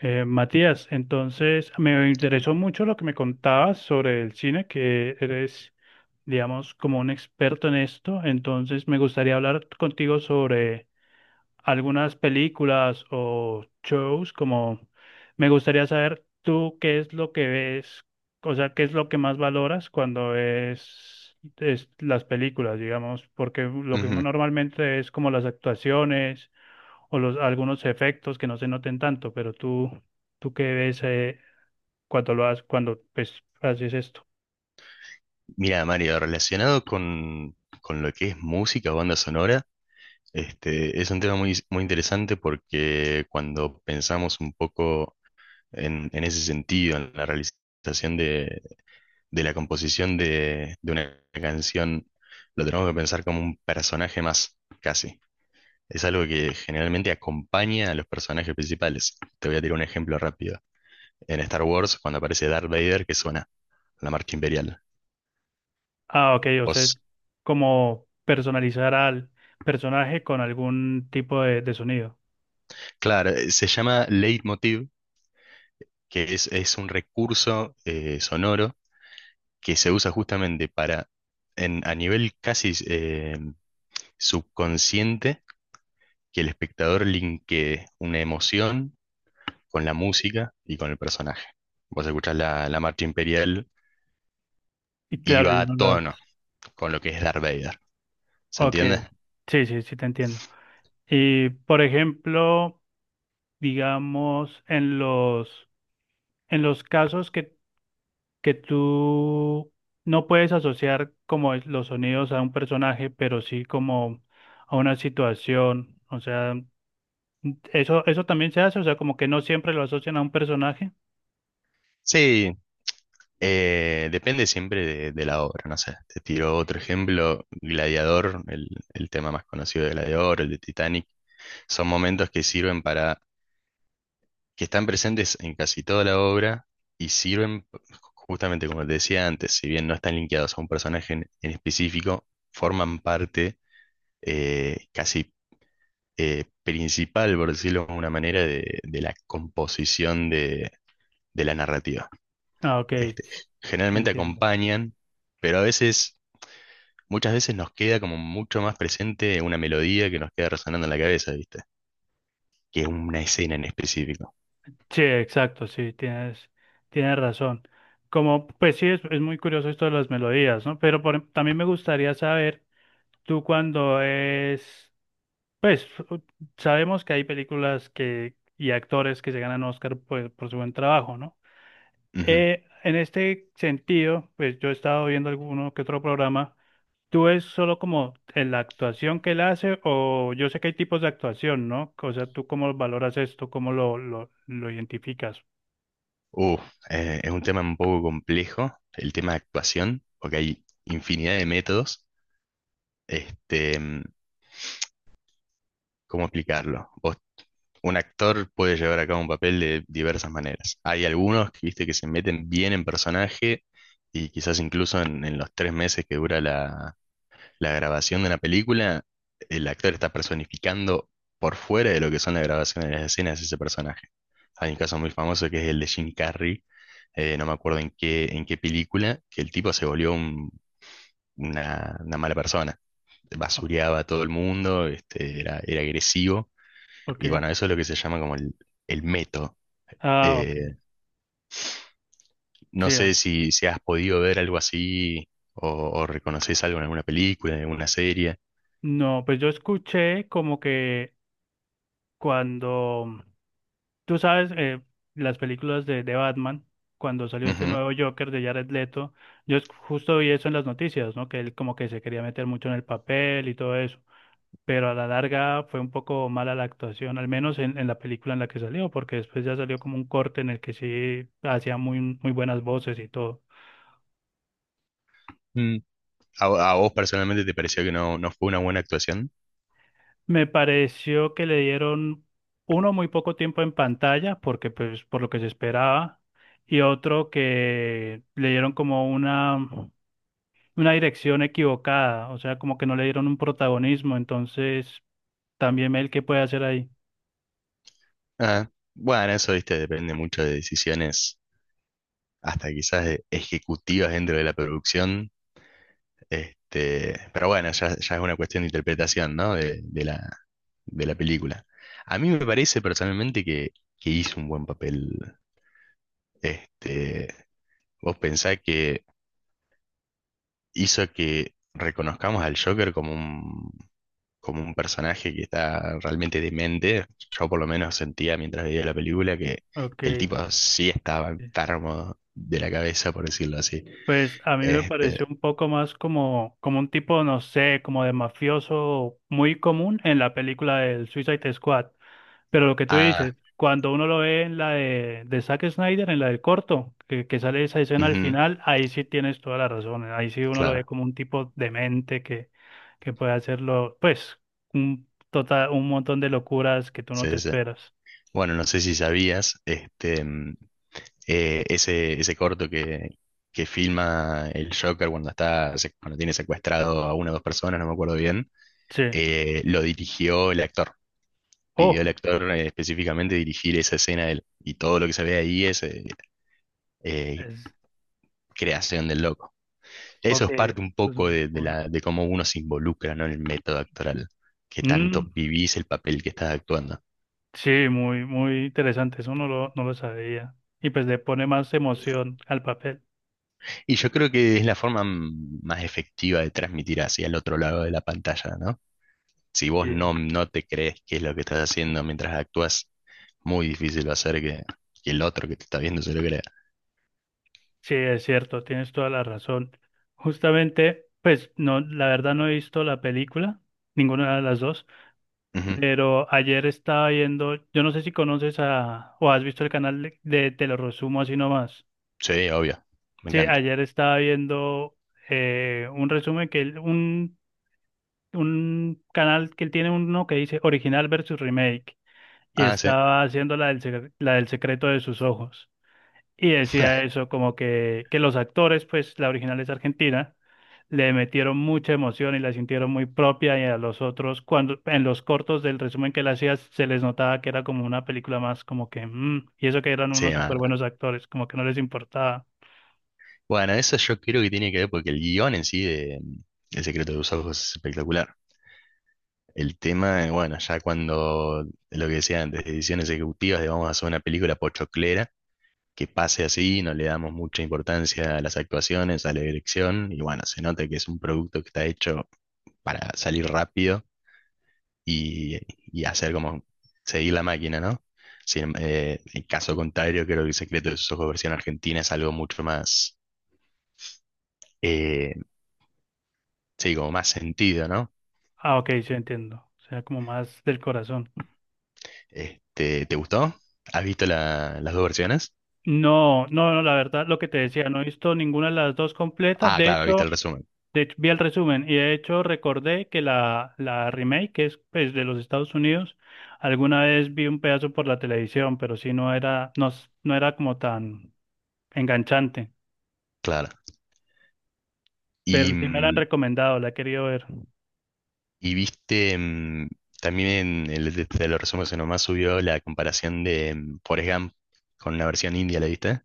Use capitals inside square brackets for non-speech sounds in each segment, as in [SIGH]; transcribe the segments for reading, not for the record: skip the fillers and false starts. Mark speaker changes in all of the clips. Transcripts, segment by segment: Speaker 1: Matías, entonces me interesó mucho lo que me contabas sobre el cine, que eres, digamos, como un experto en esto. Entonces me gustaría hablar contigo sobre algunas películas o shows, como me gustaría saber tú qué es lo que ves, o sea, qué es lo que más valoras cuando es las películas, digamos, porque lo que uno
Speaker 2: Ujú.
Speaker 1: normalmente es como las actuaciones o los algunos efectos que no se noten tanto, pero tú qué ves cuando lo haces, cuando pues haces esto.
Speaker 2: Mira, Mario, relacionado con lo que es música o banda sonora, es un tema muy, muy interesante porque cuando pensamos un poco en, ese sentido, en la realización de, la composición de una canción, lo tenemos que pensar como un personaje más, casi. Es algo que generalmente acompaña a los personajes principales. Te voy a tirar un ejemplo rápido. En Star Wars, cuando aparece Darth Vader, que suena la marcha imperial.
Speaker 1: Ah, ok, o sea, es
Speaker 2: ¿Vos
Speaker 1: como personalizar al personaje con algún tipo de sonido.
Speaker 2: Claro, se llama leitmotiv, que es un recurso sonoro que se usa justamente a nivel casi subconsciente, que el espectador linkee una emoción con la música y con el personaje. Vos escuchás la marcha imperial
Speaker 1: Y
Speaker 2: y
Speaker 1: claro, yo
Speaker 2: va a
Speaker 1: no lo.
Speaker 2: tono con lo que es Darth Vader. ¿Se
Speaker 1: Ok,
Speaker 2: entiende?
Speaker 1: sí, sí, sí, te entiendo. Y por ejemplo, digamos, en los casos que tú no puedes asociar los sonidos a un personaje, pero sí como a una situación, o sea, eso también se hace, o sea, como que no siempre lo asocian a un personaje.
Speaker 2: Sí, depende siempre de la obra, no sé. Te tiro otro ejemplo, Gladiador, el tema más conocido de Gladiador, el de Titanic. Son momentos que sirven para, que están presentes en casi toda la obra y sirven, justamente como te decía antes, si bien no están linkeados a un personaje en específico, forman parte casi principal, por decirlo de una manera, de la composición de la narrativa.
Speaker 1: Ah, ok,
Speaker 2: Este, generalmente
Speaker 1: entiendo.
Speaker 2: acompañan, pero a veces, muchas veces nos queda como mucho más presente una melodía que nos queda resonando en la cabeza, ¿viste? Que una escena en específico.
Speaker 1: Sí, exacto, sí, tienes razón. Como, pues sí, es muy curioso esto de las melodías, ¿no? Pero también me gustaría saber. Tú cuando es, pues u- sabemos que hay películas que y actores que se ganan Oscar pues, por su buen trabajo, ¿no?
Speaker 2: Ujú.
Speaker 1: En este sentido, pues yo he estado viendo alguno que otro programa. ¿Tú es solo como en la actuación que él hace o yo sé que hay tipos de actuación, ¿no? O sea, ¿tú cómo valoras esto? ¿Cómo lo identificas?
Speaker 2: Uh, es un tema un poco complejo, el tema de actuación, porque hay infinidad de métodos. Este, mm, ¿Cómo explicarlo? Un actor puede llevar a cabo un papel de diversas maneras. Hay algunos que, viste, que se meten bien en personaje y quizás incluso en los 3 meses que dura la grabación de una película, el actor está personificando por fuera de lo que son la grabación de las escenas ese personaje. Hay un caso muy famoso que es el de Jim Carrey, no me acuerdo en qué película, que el tipo se volvió una mala persona.
Speaker 1: Ah,
Speaker 2: Basureaba a todo el mundo, era agresivo, y
Speaker 1: ok.
Speaker 2: bueno, eso es lo que se llama como el meto.
Speaker 1: Ah, ok.
Speaker 2: Eh,
Speaker 1: Sí,
Speaker 2: no sé si has podido ver algo así o reconoces algo en alguna película, en alguna serie.
Speaker 1: no, pues yo escuché como que cuando tú sabes, las películas de Batman, cuando salió este nuevo Joker de Jared Leto, justo vi eso en las noticias, ¿no? Que él como que se quería meter mucho en el papel y todo eso, pero a la larga fue un poco mala la actuación, al menos en la película en la que salió, porque después ya salió como un corte en el que sí hacía muy, muy buenas voces y todo.
Speaker 2: Ujú. ¿A, a vos personalmente te pareció que no fue una buena actuación?
Speaker 1: Me pareció que le dieron uno muy poco tiempo en pantalla, porque pues por lo que se esperaba, y otro que le dieron como una dirección equivocada, o sea, como que no le dieron un protagonismo, entonces también él qué puede hacer ahí.
Speaker 2: Ah, bueno, eso, viste, depende mucho de decisiones, hasta quizás de ejecutivas dentro de la producción. Pero bueno, ya es una cuestión de interpretación, ¿no? De la película. A mí me parece personalmente que hizo un buen papel. Este, vos pensás que hizo que reconozcamos al Joker como un personaje que está realmente demente. Yo por lo menos sentía mientras veía la película que el
Speaker 1: Ok.
Speaker 2: tipo sí estaba enfermo de la cabeza, por decirlo así.
Speaker 1: Pues a mí me
Speaker 2: Este,
Speaker 1: pareció un poco más como, como un tipo, no sé, como de mafioso muy común en la película del Suicide Squad. Pero lo que tú
Speaker 2: ah,
Speaker 1: dices, cuando uno lo ve en la de Zack Snyder, en la del corto, que sale esa escena al
Speaker 2: ujú,
Speaker 1: final, ahí sí tienes toda la razón. ¿Eh? Ahí sí uno lo ve
Speaker 2: claro,
Speaker 1: como un tipo demente que puede hacerlo, pues, un, total, un montón de locuras que tú no te
Speaker 2: sí, sí.
Speaker 1: esperas.
Speaker 2: Bueno, no sé si sabías, ese corto que filma el Joker cuando tiene secuestrado a una o dos personas, no me acuerdo bien,
Speaker 1: Sí.
Speaker 2: lo dirigió el actor
Speaker 1: Oh,
Speaker 2: pidió al actor específicamente dirigir esa escena de él. Y todo lo que se ve ahí es, eh,
Speaker 1: es,
Speaker 2: creación del loco. Eso
Speaker 1: ok.
Speaker 2: es parte un
Speaker 1: Eso
Speaker 2: poco de, de
Speaker 1: cool.
Speaker 2: la, de cómo uno se involucra, ¿no? En el método actoral, que tanto
Speaker 1: Mm,
Speaker 2: vivís el papel que estás actuando.
Speaker 1: sí, muy, muy interesante. Eso no lo sabía. Y pues le pone más emoción al papel.
Speaker 2: Y yo creo que es la forma más efectiva de transmitir hacia el otro lado de la pantalla, ¿no? Si vos
Speaker 1: Sí.
Speaker 2: no te crees qué es lo que estás haciendo mientras actúas, muy difícil va a ser que el otro que te está viendo se lo crea.
Speaker 1: Sí, es cierto, tienes toda la razón. Justamente, pues no, la verdad no he visto la película, ninguna de las dos,
Speaker 2: Ujú.
Speaker 1: pero ayer estaba viendo, yo no sé si conoces a o has visto el canal de Te lo resumo así nomás.
Speaker 2: Sí, obvio, me
Speaker 1: Sí,
Speaker 2: encanta.
Speaker 1: ayer estaba viendo un resumen un canal que él tiene uno que dice original versus remake y
Speaker 2: Ah, sí.
Speaker 1: estaba haciendo la del secreto de sus ojos. Y decía
Speaker 2: [LAUGHS]
Speaker 1: eso, como que los actores, pues la original es argentina, le metieron mucha emoción y la sintieron muy propia y a los otros, cuando en los cortos del resumen que le hacías, se les notaba que era como una película más, como que, mm, y eso que eran
Speaker 2: Sí,
Speaker 1: unos súper
Speaker 2: ma-
Speaker 1: buenos actores, como que no les importaba.
Speaker 2: Bueno, eso yo creo que tiene que ver porque el guión en sí de El secreto de los ojos es espectacular. El tema, bueno, ya cuando lo que decía antes, decisiones ejecutivas de vamos a hacer una película pochoclera, que pase así, no le damos mucha importancia a las actuaciones, a la dirección, y bueno, se nota que es un producto que está hecho para salir rápido y, y hacer como seguir la máquina, ¿no? Sin, en caso contrario, creo que El secreto de sus ojos versión argentina es algo mucho más, eh, sí, como más sentido, ¿no?
Speaker 1: Ah, ok, sí entiendo. O sea, como más del corazón.
Speaker 2: ¿Te gustó? ¿Has visto las dos versiones?
Speaker 1: No, no, no, la verdad, lo que te decía, no he visto ninguna de las dos completas.
Speaker 2: Ah,
Speaker 1: De
Speaker 2: claro, viste
Speaker 1: hecho,
Speaker 2: el resumen,
Speaker 1: de hecho, vi el resumen y de hecho recordé que la remake, que es pues, de los Estados Unidos, alguna vez vi un pedazo por la televisión, pero sí no era, no, no era como tan enganchante.
Speaker 2: claro. Y,
Speaker 1: Pero sí me la han
Speaker 2: mm,
Speaker 1: recomendado, la he querido ver.
Speaker 2: y viste, también en el, de los resúmenes nomás subió la comparación de Forrest Gump con una versión india, ¿la viste?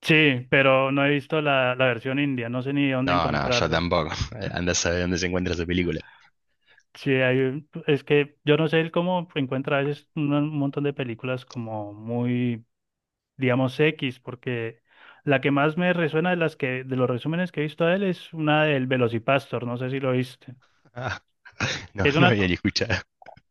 Speaker 1: Sí, pero no he visto la versión india, no sé ni dónde
Speaker 2: No, no, yo
Speaker 1: encontrarla.
Speaker 2: tampoco. [LAUGHS] Anda a saber dónde se encuentra esa película.
Speaker 1: Sí, hay, es que yo no sé el cómo encuentra a veces un montón de películas como muy digamos, X, porque la que más me resuena de las de los resúmenes que he visto de él es una del Velocipastor, no sé si lo viste.
Speaker 2: Ah, [LAUGHS] no,
Speaker 1: Es
Speaker 2: no
Speaker 1: una,
Speaker 2: había ni escuchado.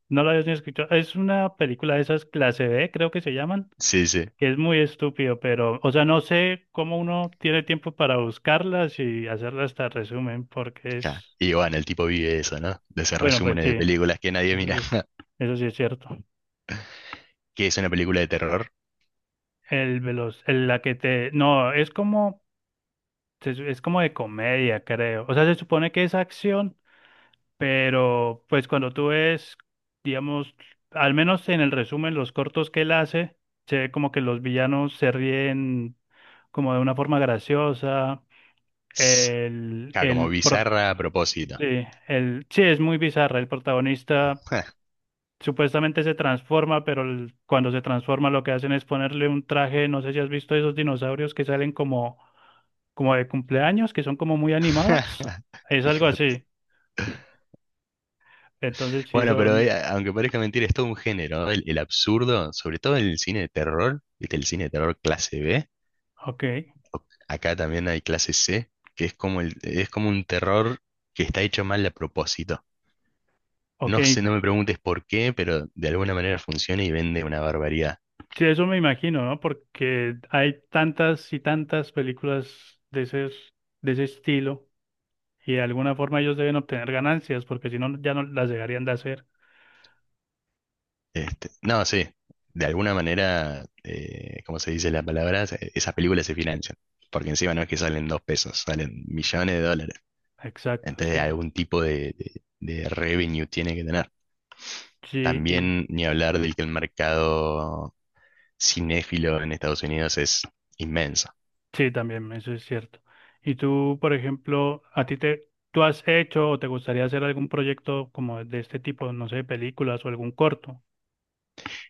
Speaker 1: no lo habías ni escuchado, es una película de esas clase B, creo que se llaman,
Speaker 2: Sí, sí.
Speaker 1: que es muy estúpido, pero, o sea, no sé cómo uno tiene tiempo para buscarlas y hacerlas hasta resumen, porque
Speaker 2: Ja.
Speaker 1: es,
Speaker 2: Y bueno, el tipo vive eso, ¿no? De hacer
Speaker 1: bueno, pues
Speaker 2: resúmenes
Speaker 1: sí,
Speaker 2: de películas que nadie
Speaker 1: eso
Speaker 2: mira.
Speaker 1: sí,
Speaker 2: [LAUGHS]
Speaker 1: eso sí es cierto.
Speaker 2: ¿Qué es una película de terror?
Speaker 1: La que te, no, es como, es como de comedia, creo. O sea, se supone que es acción. Pero pues cuando tú ves, digamos, al menos en el resumen, los cortos que él hace, se ve como que los villanos se ríen como de una forma graciosa.
Speaker 2: Tss,
Speaker 1: El,
Speaker 2: ja, como
Speaker 1: el, pro-
Speaker 2: bizarra a propósito.
Speaker 1: sí, sí, es muy bizarra. El protagonista
Speaker 2: [LAUGHS]
Speaker 1: supuestamente se transforma, pero cuando se transforma lo que hacen es ponerle un traje, no sé si has visto esos dinosaurios que salen como, como de cumpleaños, que son como muy animados.
Speaker 2: [LAUGHS]
Speaker 1: Es algo
Speaker 2: Hijo de-
Speaker 1: así. Entonces sí
Speaker 2: Bueno, pero
Speaker 1: son,
Speaker 2: aunque parezca mentira, es todo un género, ¿no? El absurdo, sobre todo en el cine de terror, ¿viste? El cine de terror clase B,
Speaker 1: ok.
Speaker 2: acá también hay clase C, que es como, es como un terror que está hecho mal a propósito.
Speaker 1: Ok,
Speaker 2: No sé, no me preguntes por qué, pero de alguna manera funciona y vende una barbaridad.
Speaker 1: sí, eso me imagino, ¿no? Porque hay tantas y tantas películas de ese estilo y de alguna forma ellos deben obtener ganancias porque si no ya no las dejarían de hacer.
Speaker 2: No, sí, de alguna manera, ¿cómo se dice la palabra? Esas películas se financian, porque encima no es que salen 2 pesos, salen millones de dólares.
Speaker 1: Exacto,
Speaker 2: Entonces
Speaker 1: sí.
Speaker 2: algún tipo de revenue tiene que tener.
Speaker 1: Sí,
Speaker 2: También ni hablar del que el mercado cinéfilo en Estados Unidos es inmenso.
Speaker 1: sí, también, eso es cierto. Y tú, por ejemplo, tú has hecho o te gustaría hacer algún proyecto como de este tipo, no sé, películas o algún corto.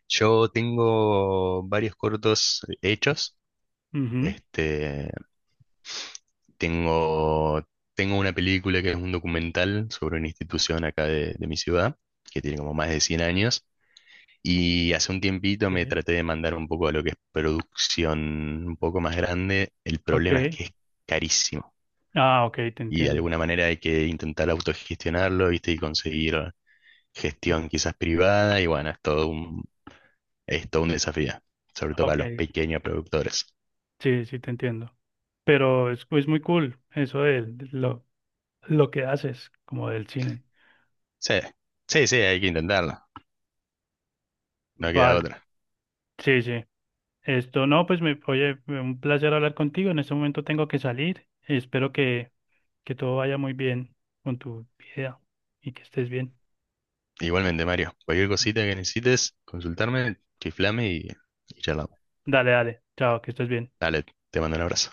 Speaker 2: Yo tengo varios cortos hechos.
Speaker 1: Ujú,
Speaker 2: Este, tengo, tengo una película que es un documental sobre una institución acá de mi ciudad, que tiene como más de 100 años. Y hace un tiempito me
Speaker 1: sí,
Speaker 2: traté de mandar un poco a lo que es producción un poco más grande. El
Speaker 1: ok.
Speaker 2: problema es que es carísimo.
Speaker 1: Ah, ok, te
Speaker 2: Y de
Speaker 1: entiendo.
Speaker 2: alguna manera hay que intentar autogestionarlo, ¿viste? Y conseguir gestión quizás privada y bueno, es todo un desafío, sobre todo para
Speaker 1: Ok,
Speaker 2: los pequeños productores.
Speaker 1: sí, sí, te entiendo. Pero es muy cool eso de, lo, lo que haces, como del cine.
Speaker 2: Sí, sí, sí, hay que intentarlo, no queda
Speaker 1: Vale,
Speaker 2: otra.
Speaker 1: sí, sí. Esto no, pues me, oye, fue un placer hablar contigo. En este momento tengo que salir. Espero que todo vaya muy bien con tu vida y que estés bien.
Speaker 2: Igualmente, Mario, cualquier cosita que necesites, consultarme, chiflame y charlamos.
Speaker 1: Dale, dale. Chao, que estés bien.
Speaker 2: Dale, te mando un abrazo.